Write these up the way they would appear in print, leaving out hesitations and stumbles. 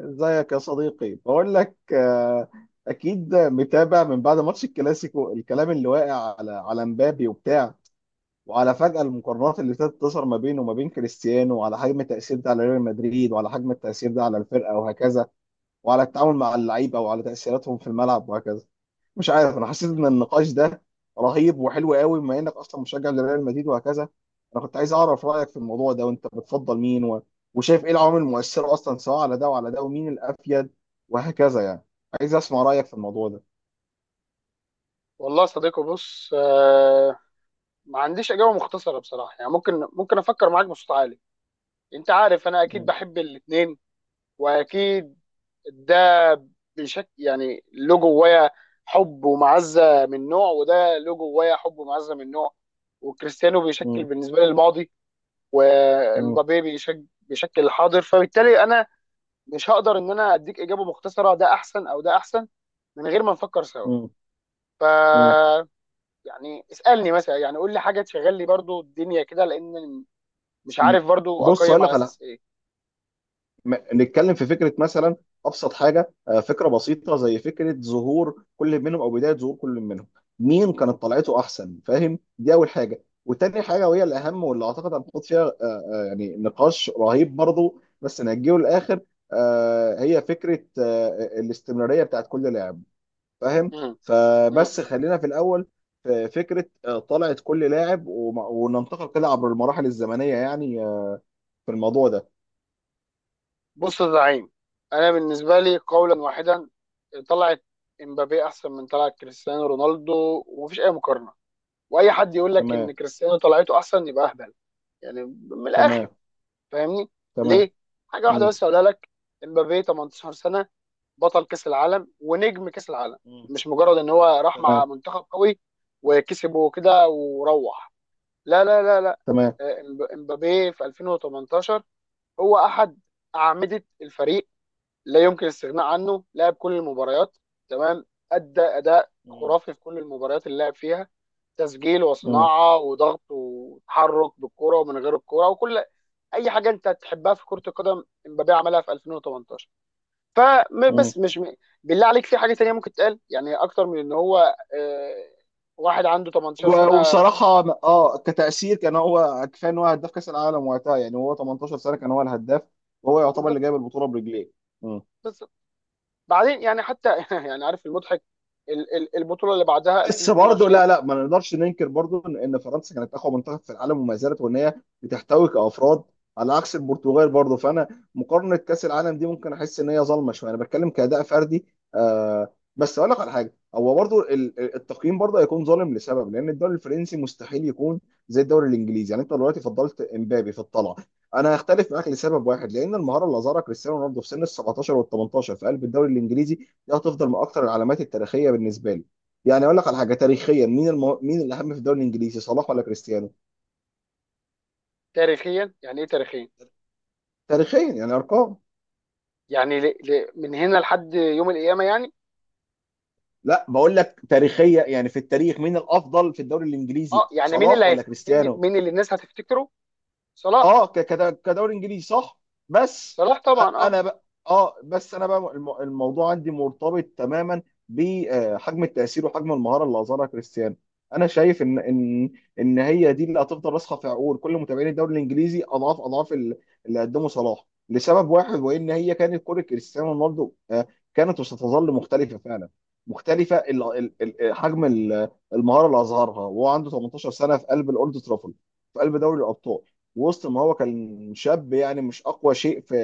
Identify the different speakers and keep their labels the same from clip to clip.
Speaker 1: ازيك يا صديقي؟ بقول لك اكيد متابع من بعد ماتش الكلاسيكو، الكلام اللي واقع على مبابي وبتاع، وعلى فجأة المقارنات اللي ابتدت تظهر ما بينه وما بين كريستيانو، وعلى حجم التأثير ده على ريال مدريد، وعلى حجم التأثير ده على الفرقة وهكذا، وعلى التعامل مع اللعيبة وعلى تأثيراتهم في الملعب وهكذا. مش عارف، انا حسيت ان
Speaker 2: مم.
Speaker 1: النقاش ده رهيب وحلو قوي، بما انك اصلا مشجع لريال مدريد وهكذا. انا كنت عايز اعرف رايك في الموضوع ده، وانت بتفضل مين وشايف ايه العوامل المؤثره اصلا، سواء على ده وعلى ده، ومين الافيد وهكذا يعني. عايز اسمع رايك في الموضوع ده.
Speaker 2: والله يا صديقي بص ما عنديش اجابه مختصره بصراحه، يعني ممكن افكر معاك بصوت عالي. انت عارف انا اكيد
Speaker 1: م-.
Speaker 2: بحب الاثنين، واكيد ده بشكل يعني له جوايا حب ومعزه من نوع، وده له جوايا حب ومعزه من نوع. وكريستيانو بيشكل
Speaker 1: م-.
Speaker 2: بالنسبه لي الماضي،
Speaker 1: م-.
Speaker 2: ومبابي بيشكل الحاضر، فبالتالي انا مش هقدر ان انا اديك اجابه مختصره، ده احسن او ده احسن، من غير ما نفكر سوا.
Speaker 1: م-.
Speaker 2: يعني اسالني مثلا، يعني قول لي حاجه تشغل لي برضو الدنيا كده، لان مش
Speaker 1: م.
Speaker 2: عارف برضو
Speaker 1: بص اقول
Speaker 2: اقيم على
Speaker 1: لك على،
Speaker 2: اساس ايه.
Speaker 1: م- نتكلم في فكره مثلا. ابسط حاجه، فكره بسيطه زي فكره ظهور كل منهم او بدايه ظهور كل منهم. مين كانت طلعته احسن؟ فاهم؟ دي اول حاجه، وتاني حاجه وهي الاهم واللي اعتقد هنحط فيها يعني نقاش رهيب برضو، بس نجيه للاخر. هي فكره الاستمراريه بتاعت كل لاعب. فاهم؟
Speaker 2: مم. مم.
Speaker 1: فبس
Speaker 2: مم.
Speaker 1: خلينا في الاول في فكره طلعت كل لاعب، وننتقل كده عبر المراحل الزمنيه، يعني في الموضوع ده.
Speaker 2: بص يا زعيم، انا بالنسبه لي قولا واحدا، طلعت امبابي احسن من طلعت كريستيانو رونالدو، ومفيش اي مقارنه. واي حد يقول لك
Speaker 1: تمام.
Speaker 2: ان كريستيانو طلعته احسن يبقى اهبل. يعني من الاخر،
Speaker 1: تمام.
Speaker 2: فاهمني؟
Speaker 1: تمام.
Speaker 2: ليه؟ حاجه واحده
Speaker 1: مم.
Speaker 2: بس اقولها لك. امبابي 18 سنه بطل كاس العالم ونجم كاس العالم.
Speaker 1: مم.
Speaker 2: مش مجرد ان هو راح مع
Speaker 1: تمام.
Speaker 2: منتخب قوي وكسبه كده وروح. لا لا لا لا.
Speaker 1: تمام.
Speaker 2: امبابي في 2018 هو احد اعمده الفريق، لا يمكن الاستغناء عنه، لعب كل المباريات. تمام. ادى اداء
Speaker 1: مم.
Speaker 2: خرافي في كل المباريات اللي لعب فيها. تسجيل
Speaker 1: مم.
Speaker 2: وصناعه وضغط وتحرك بالكره ومن غير الكره، وكل اي حاجه انت تحبها في كره القدم امبابي عملها في 2018.
Speaker 1: مم.
Speaker 2: فبس مش م... بالله عليك في حاجه تانية ممكن تقال يعني اكتر من ان هو آه، واحد عنده 18 سنه؟
Speaker 1: وبصراحه، اه كتاثير كان هو كفايه ان هو هداف كاس العالم وقتها، يعني هو 18 سنه كان هو الهداف، وهو يعتبر اللي
Speaker 2: بالظبط
Speaker 1: جايب البطوله برجليه.
Speaker 2: بالظبط. بعدين يعني حتى يعني عارف المضحك، البطوله اللي بعدها
Speaker 1: بس برضه
Speaker 2: 2022.
Speaker 1: لا لا، ما نقدرش ننكر برضه إن فرنسا كانت اقوى منتخب في العالم وما زالت، وان هي بتحتوي كافراد، على عكس البرتغال برضه. فانا مقارنه كاس العالم دي ممكن احس ان هي ظالمه شويه، انا بتكلم كاداء فردي. بس اقول لك على حاجه، هو برضه التقييم برضه هيكون ظالم لسبب، لان الدوري الفرنسي مستحيل يكون زي الدوري الانجليزي، يعني انت دلوقتي فضلت امبابي في الطلعه، انا هختلف معاك لسبب واحد، لان المهاره اللي ظهرها كريستيانو رونالدو في سن ال 17 وال 18 في قلب الدوري الانجليزي دي هتفضل من اكثر العلامات التاريخيه بالنسبه لي. يعني اقول لك على حاجه، تاريخيا مين مين الاهم في الدوري الانجليزي، صلاح ولا كريستيانو؟
Speaker 2: تاريخيا يعني ايه تاريخيا؟
Speaker 1: تاريخيا يعني ارقام.
Speaker 2: يعني من هنا لحد يوم القيامه يعني.
Speaker 1: لا، بقول لك تاريخيا يعني في التاريخ مين الافضل في الدوري الانجليزي،
Speaker 2: اه يعني
Speaker 1: صلاح ولا
Speaker 2: مين
Speaker 1: كريستيانو؟
Speaker 2: مين اللي الناس هتفتكره؟ صلاح.
Speaker 1: اه، كدوري انجليزي صح. بس،
Speaker 2: صلاح طبعا اه.
Speaker 1: انا بقى، اه بس انا بقى، الموضوع عندي مرتبط تماما بحجم التاثير وحجم المهاره اللي اظهرها كريستيانو. انا شايف ان هي دي اللي هتفضل راسخه في عقول كل متابعين الدوري الانجليزي، اضعاف اضعاف اللي قدمه صلاح، لسبب واحد، وان هي كانت كره كريستيانو رونالدو. كانت وستظل مختلفه فعلا، مختلفه
Speaker 2: م-
Speaker 1: حجم المهاره اللي اظهرها وهو عنده 18 سنه، في قلب الاولد ترافورد، في قلب دوري الابطال، وسط ما هو كان شاب، يعني مش اقوى شيء في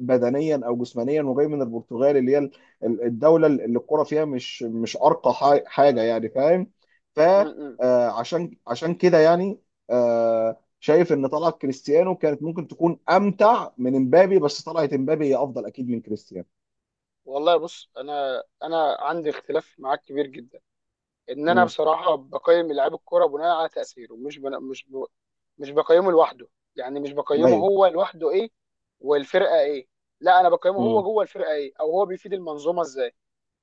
Speaker 1: بدنيا او جسمانيا، وجاي من البرتغال اللي هي الدوله اللي الكره فيها مش ارقى حاجه، يعني فاهم. ف
Speaker 2: م- م.
Speaker 1: آه، عشان كده يعني، شايف ان طلعت كريستيانو كانت ممكن تكون امتع من امبابي، بس طلعت امبابي هي افضل اكيد من كريستيانو.
Speaker 2: والله بص، انا عندي اختلاف معاك كبير جدا، ان انا
Speaker 1: امم.
Speaker 2: بصراحه بقيم لعيب الكوره بناء على تاثيره، مش بقيمه لوحده. يعني مش بقيمه
Speaker 1: ايوه.
Speaker 2: هو لوحده ايه والفرقه ايه. لا، انا بقيمه هو
Speaker 1: امم.
Speaker 2: جوه الفرقه ايه، او هو بيفيد المنظومه ازاي.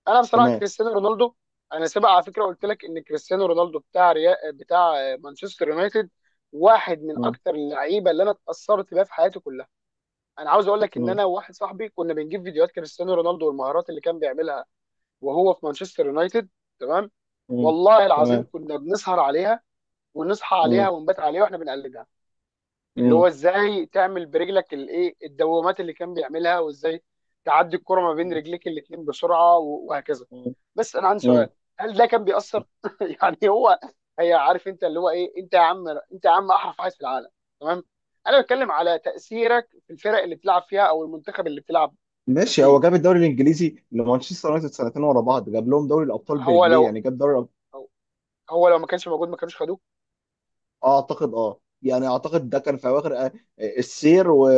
Speaker 2: انا بصراحه
Speaker 1: تمام.
Speaker 2: كريستيانو رونالدو، انا سبق على فكره قلت لك ان كريستيانو رونالدو بتاع مانشستر يونايتد واحد من
Speaker 1: امم.
Speaker 2: اكتر اللعيبه اللي انا اتاثرت بيها في حياتي كلها. انا عاوز اقول لك ان انا وواحد صاحبي كنا بنجيب فيديوهات كريستيانو رونالدو والمهارات اللي كان بيعملها وهو في مانشستر يونايتد. تمام.
Speaker 1: امم.
Speaker 2: والله العظيم
Speaker 1: تمام.
Speaker 2: كنا بنسهر عليها ونصحى عليها
Speaker 1: امم.
Speaker 2: ونبات عليها واحنا بنقلدها. اللي هو ازاي تعمل برجلك الايه الدوامات اللي كان بيعملها، وازاي تعدي الكرة ما بين رجليك الاتنين بسرعة و- وهكذا.
Speaker 1: امم.
Speaker 2: بس انا عندي سؤال. هل ده كان بيأثر يعني هو هي عارف انت اللي هو ايه انت يا عم، انت يا عم احرف عايز في العالم. تمام. انا بتكلم على تأثيرك في الفرق اللي بتلعب فيها او المنتخب اللي بتلعب
Speaker 1: ماشي، هو
Speaker 2: فيه.
Speaker 1: جاب الدوري الانجليزي لمانشستر يونايتد سنتين ورا بعض، جاب لهم دوري الابطال
Speaker 2: هو
Speaker 1: برجليه،
Speaker 2: لو
Speaker 1: يعني جاب دوري.
Speaker 2: هو لو ما كانش موجود ما كانوش خدوه.
Speaker 1: اعتقد اه يعني اعتقد ده كان في اواخر السير،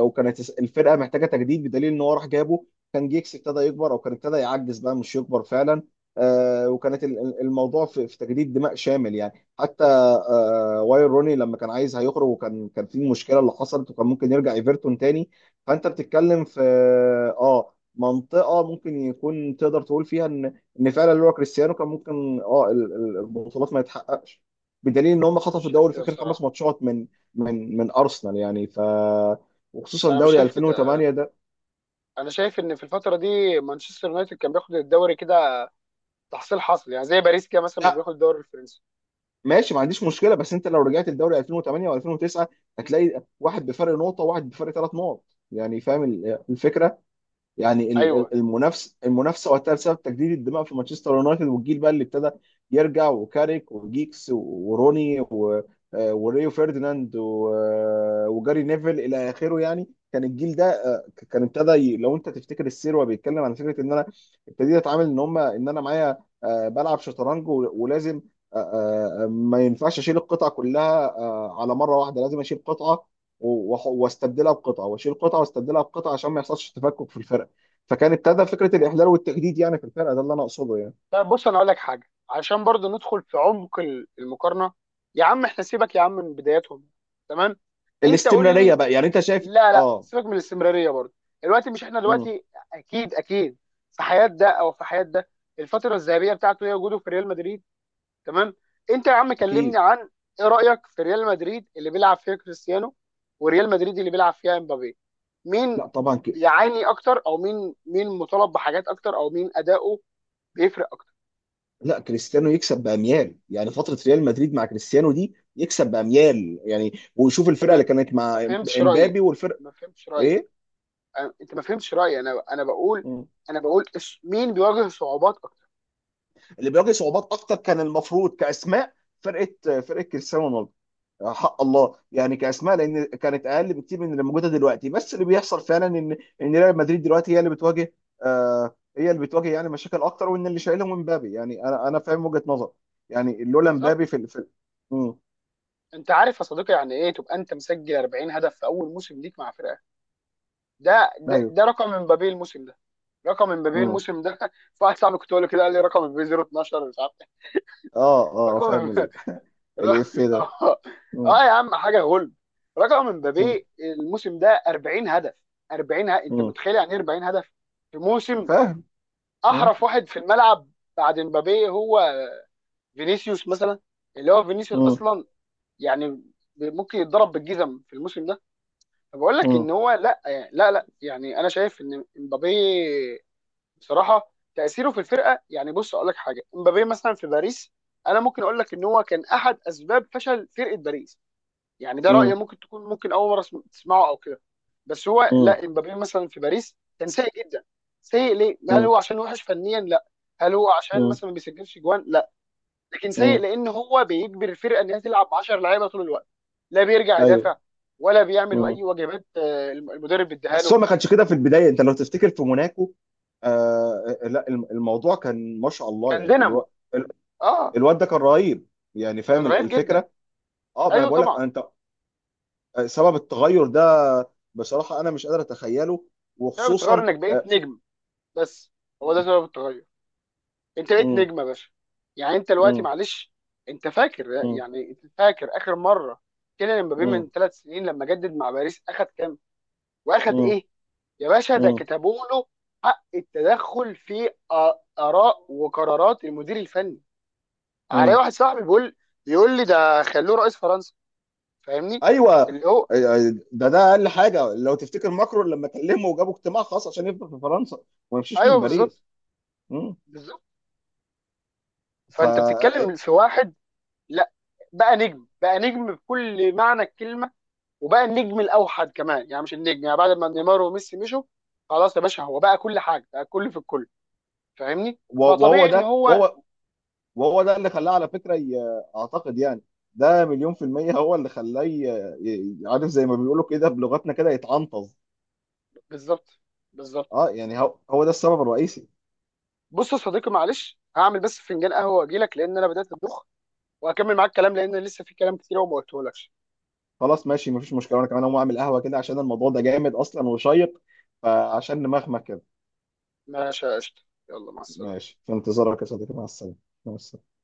Speaker 1: وكانت الفرقه محتاجه تجديد، بدليل ان هو راح جابه. كان جيكس ابتدى يكبر، او كان ابتدى يعجز بقى، مش يكبر فعلا. وكانت، الموضوع في تجديد دماء شامل يعني. حتى واير روني لما كان عايز هيخرج، وكان في مشكله اللي حصلت، وكان ممكن يرجع ايفرتون تاني. فانت بتتكلم في اه منطقه ممكن يكون تقدر تقول فيها ان فعلا اللي هو كريستيانو كان ممكن البطولات ما يتحققش، بدليل ان هم
Speaker 2: انا مش
Speaker 1: خطفوا
Speaker 2: شايف
Speaker 1: الدوري في
Speaker 2: كده
Speaker 1: اخر خمس
Speaker 2: بصراحة.
Speaker 1: ماتشات من ارسنال، يعني وخصوصا
Speaker 2: انا مش
Speaker 1: دوري
Speaker 2: شايف كده.
Speaker 1: 2008 ده.
Speaker 2: انا شايف ان في الفتره دي مانشستر يونايتد كان بياخد الدوري كده، تحصيل حاصل، يعني زي باريس كده مثلا ما
Speaker 1: لا.
Speaker 2: بياخد الدوري الفرنسي.
Speaker 1: ماشي، ما عنديش مشكله، بس انت لو رجعت لدوري 2008 و2009 هتلاقي واحد بفرق نقطه وواحد بفرق ثلاث نقط، يعني فاهم الفكره. يعني
Speaker 2: ايوه.
Speaker 1: المنافسه وقتها، بسبب تجديد الدماء في مانشستر يونايتد، والجيل بقى اللي ابتدى يرجع، وكاريك وجيكس وروني وريو فيرديناند وجاري نيفل الى اخره، يعني كان الجيل ده كان ابتدى، لو انت تفتكر السير وهو بيتكلم عن فكره ان انا ابتديت اتعامل ان هم، ان انا معايا بلعب شطرنج، ولازم ما ينفعش اشيل القطعه كلها على مره واحده، لازم اشيل قطعه واستبدلها بقطعه، واشيل قطعه واستبدلها بقطعه، عشان ما يحصلش تفكك في الفرقه. فكان ابتدى فكره الاحلال والتجديد يعني في الفرقه، ده اللي انا اقصده يعني.
Speaker 2: طب بص انا اقول لك حاجه عشان برضو ندخل في عمق المقارنه. يا عم احنا سيبك يا عم من بداياتهم. تمام. انت قول
Speaker 1: الاستمراريه
Speaker 2: لي،
Speaker 1: بقى، يعني انت شايف
Speaker 2: لا لا،
Speaker 1: اه.
Speaker 2: سيبك من الاستمراريه برضو. دلوقتي مش احنا
Speaker 1: امم.
Speaker 2: دلوقتي. اكيد اكيد. في حياه ده او في حياه ده، الفتره الذهبيه بتاعته هي وجوده في ريال مدريد. تمام. انت يا عم كلمني
Speaker 1: اكيد.
Speaker 2: عن ايه رايك في ريال مدريد اللي بيلعب فيها كريستيانو وريال مدريد اللي بيلعب فيها امبابي؟ مين
Speaker 1: لا طبعا
Speaker 2: بيعاني اكتر، او مين مطالب بحاجات اكتر، او مين اداؤه بيفرق اكتر؟
Speaker 1: لا، كريستيانو يكسب باميال، يعني فتره ريال مدريد مع كريستيانو دي يكسب باميال يعني، ويشوف
Speaker 2: انت
Speaker 1: الفرقه
Speaker 2: ما
Speaker 1: اللي كانت
Speaker 2: ما
Speaker 1: مع
Speaker 2: فهمتش رايي.
Speaker 1: امبابي والفرقه.
Speaker 2: ما فهمتش رايي.
Speaker 1: ايه؟
Speaker 2: انت ما فهمتش رايي، انا انا بقول
Speaker 1: مم.
Speaker 2: انا بقول مين بيواجه صعوبات اكتر.
Speaker 1: اللي بيواجه صعوبات اكتر كان المفروض كاسماء فرقه كريستيانو رونالدو، حق الله يعني كاسماء، لان كانت اقل بكتير من اللي موجوده دلوقتي، بس اللي بيحصل فعلا ان ريال مدريد دلوقتي هي اللي بتواجه، هي اللي بتواجه يعني مشاكل اكتر، وان اللي شايلهم مبابي، يعني انا فاهم وجهه نظر، يعني لولا
Speaker 2: بالظبط.
Speaker 1: مبابي في. امم.
Speaker 2: انت عارف يا صديقي يعني ايه تبقى انت مسجل 40 هدف في اول موسم ليك مع فرقه؟ ده ده,
Speaker 1: ايوه.
Speaker 2: ده رقم امبابي الموسم ده. رقم امبابي
Speaker 1: امم.
Speaker 2: الموسم ده في واحد صاحبي كنت بقول له كده، قال لي رقم امبابي 012 مش عارف إيه.
Speaker 1: اه. اه.
Speaker 2: رقم
Speaker 1: فاهم
Speaker 2: امبابي
Speaker 1: الاف ده.
Speaker 2: اه.
Speaker 1: امم.
Speaker 2: آه يا عم حاجه غل. رقم
Speaker 1: امم.
Speaker 2: امبابي الموسم ده 40 هدف. 40 انت
Speaker 1: امم.
Speaker 2: متخيل يعني ايه 40 هدف في موسم
Speaker 1: فاهم. امم.
Speaker 2: احرف واحد في الملعب؟ بعد امبابي هو فينيسيوس مثلا. اللي هو فينيسيوس
Speaker 1: امم.
Speaker 2: اصلا يعني ممكن يتضرب بالجزم في الموسم ده. فبقول لك ان
Speaker 1: امم.
Speaker 2: هو لا، يعني لا لا، يعني انا شايف ان امبابي بصراحه تاثيره في الفرقه يعني. بص اقول لك حاجه، امبابي مثلا في باريس، انا ممكن اقول لك ان هو كان احد اسباب فشل فرقه باريس. يعني ده راي ممكن تكون ممكن اول مره تسمعه او كده. بس هو
Speaker 1: امم.
Speaker 2: لا، امبابي مثلا في باريس كان سيء جدا. سيء ليه؟ هل
Speaker 1: امم.
Speaker 2: هو عشان وحش فنيا؟ لا. هل هو عشان
Speaker 1: امم.
Speaker 2: مثلا ما بيسجلش جوان؟ لا. لكن سيء
Speaker 1: امم.
Speaker 2: لان هو بيجبر الفرقه ان هي تلعب 10 لعيبه طول الوقت. لا بيرجع
Speaker 1: ايوه.
Speaker 2: يدافع، ولا بيعمل اي واجبات المدرب اداها
Speaker 1: بس
Speaker 2: له.
Speaker 1: هو ما كانش كده في البدايه، انت لو تفتكر في موناكو، لا، الموضوع كان ما شاء الله،
Speaker 2: كان
Speaker 1: يعني
Speaker 2: دينامو.
Speaker 1: ال-
Speaker 2: اه
Speaker 1: الواد ده كان رهيب، يعني فاهم
Speaker 2: كان رهيب جدا.
Speaker 1: الفكره. اه، ما انا
Speaker 2: ايوه
Speaker 1: بقول لك
Speaker 2: طبعا.
Speaker 1: انت، سبب التغير ده، بصراحه انا مش قادر اتخيله،
Speaker 2: سبب التغير
Speaker 1: وخصوصا
Speaker 2: انك بقيت
Speaker 1: آه،
Speaker 2: نجم. بس. هو ده
Speaker 1: مم.
Speaker 2: سبب التغير. انت بقيت
Speaker 1: مم.
Speaker 2: نجم يا باشا. يعني انت دلوقتي
Speaker 1: مم.
Speaker 2: معلش. انت فاكر
Speaker 1: مم.
Speaker 2: يعني، انت فاكر اخر مره كيليان امبابي من
Speaker 1: مم.
Speaker 2: 3 سنين لما جدد مع باريس اخد كام واخد
Speaker 1: مم.
Speaker 2: ايه؟ يا باشا، ده
Speaker 1: مم.
Speaker 2: كتبوا له حق التدخل في اراء وقرارات المدير الفني. علي
Speaker 1: مم.
Speaker 2: واحد صاحبي بيقول، بيقول لي ده خلوه رئيس فرنسا. فاهمني؟
Speaker 1: ايوه،
Speaker 2: اللي هو
Speaker 1: ده اقل حاجه، لو تفتكر ماكرون لما كلمه، وجابوا اجتماع خاص عشان يفضل في فرنسا وما يمشيش من
Speaker 2: ايوه
Speaker 1: باريس.
Speaker 2: بالظبط.
Speaker 1: مم.
Speaker 2: بالظبط.
Speaker 1: ف
Speaker 2: فانت بتتكلم في واحد، لا، بقى نجم بقى نجم بكل معنى الكلمه، وبقى النجم الاوحد كمان، يعني مش النجم يعني بعد ما نيمار وميسي مشوا. خلاص يا باشا هو بقى كل حاجه، بقى كل في الكل. فاهمني؟
Speaker 1: وهو
Speaker 2: فطبيعي ان
Speaker 1: ده
Speaker 2: هو
Speaker 1: وهو وهو ده اللي خلاه، على فكرة أعتقد يعني، ده مليون في المية هو اللي خلاه، عارف زي ما بيقولوا كده بلغتنا كده، يتعنطز.
Speaker 2: بالظبط بالظبط.
Speaker 1: اه يعني، هو ده السبب الرئيسي.
Speaker 2: بص يا صديقي معلش، هعمل بس فنجان قهوه واجي لك لان انا بدات ادوخ، وهكمل معاك الكلام لان لسه في كلام كتير وما قلتهولكش.
Speaker 1: خلاص، ماشي، مفيش مشكلة، أنا كمان هقوم أعمل قهوة كده، عشان الموضوع ده جامد أصلا وشيق، فعشان نمخمخ كده.
Speaker 2: ماشي يا قشطه. يلا مع السلامه.
Speaker 1: ماشي، في انتظارك يا صديقي، مع السلامة. مع السلامة.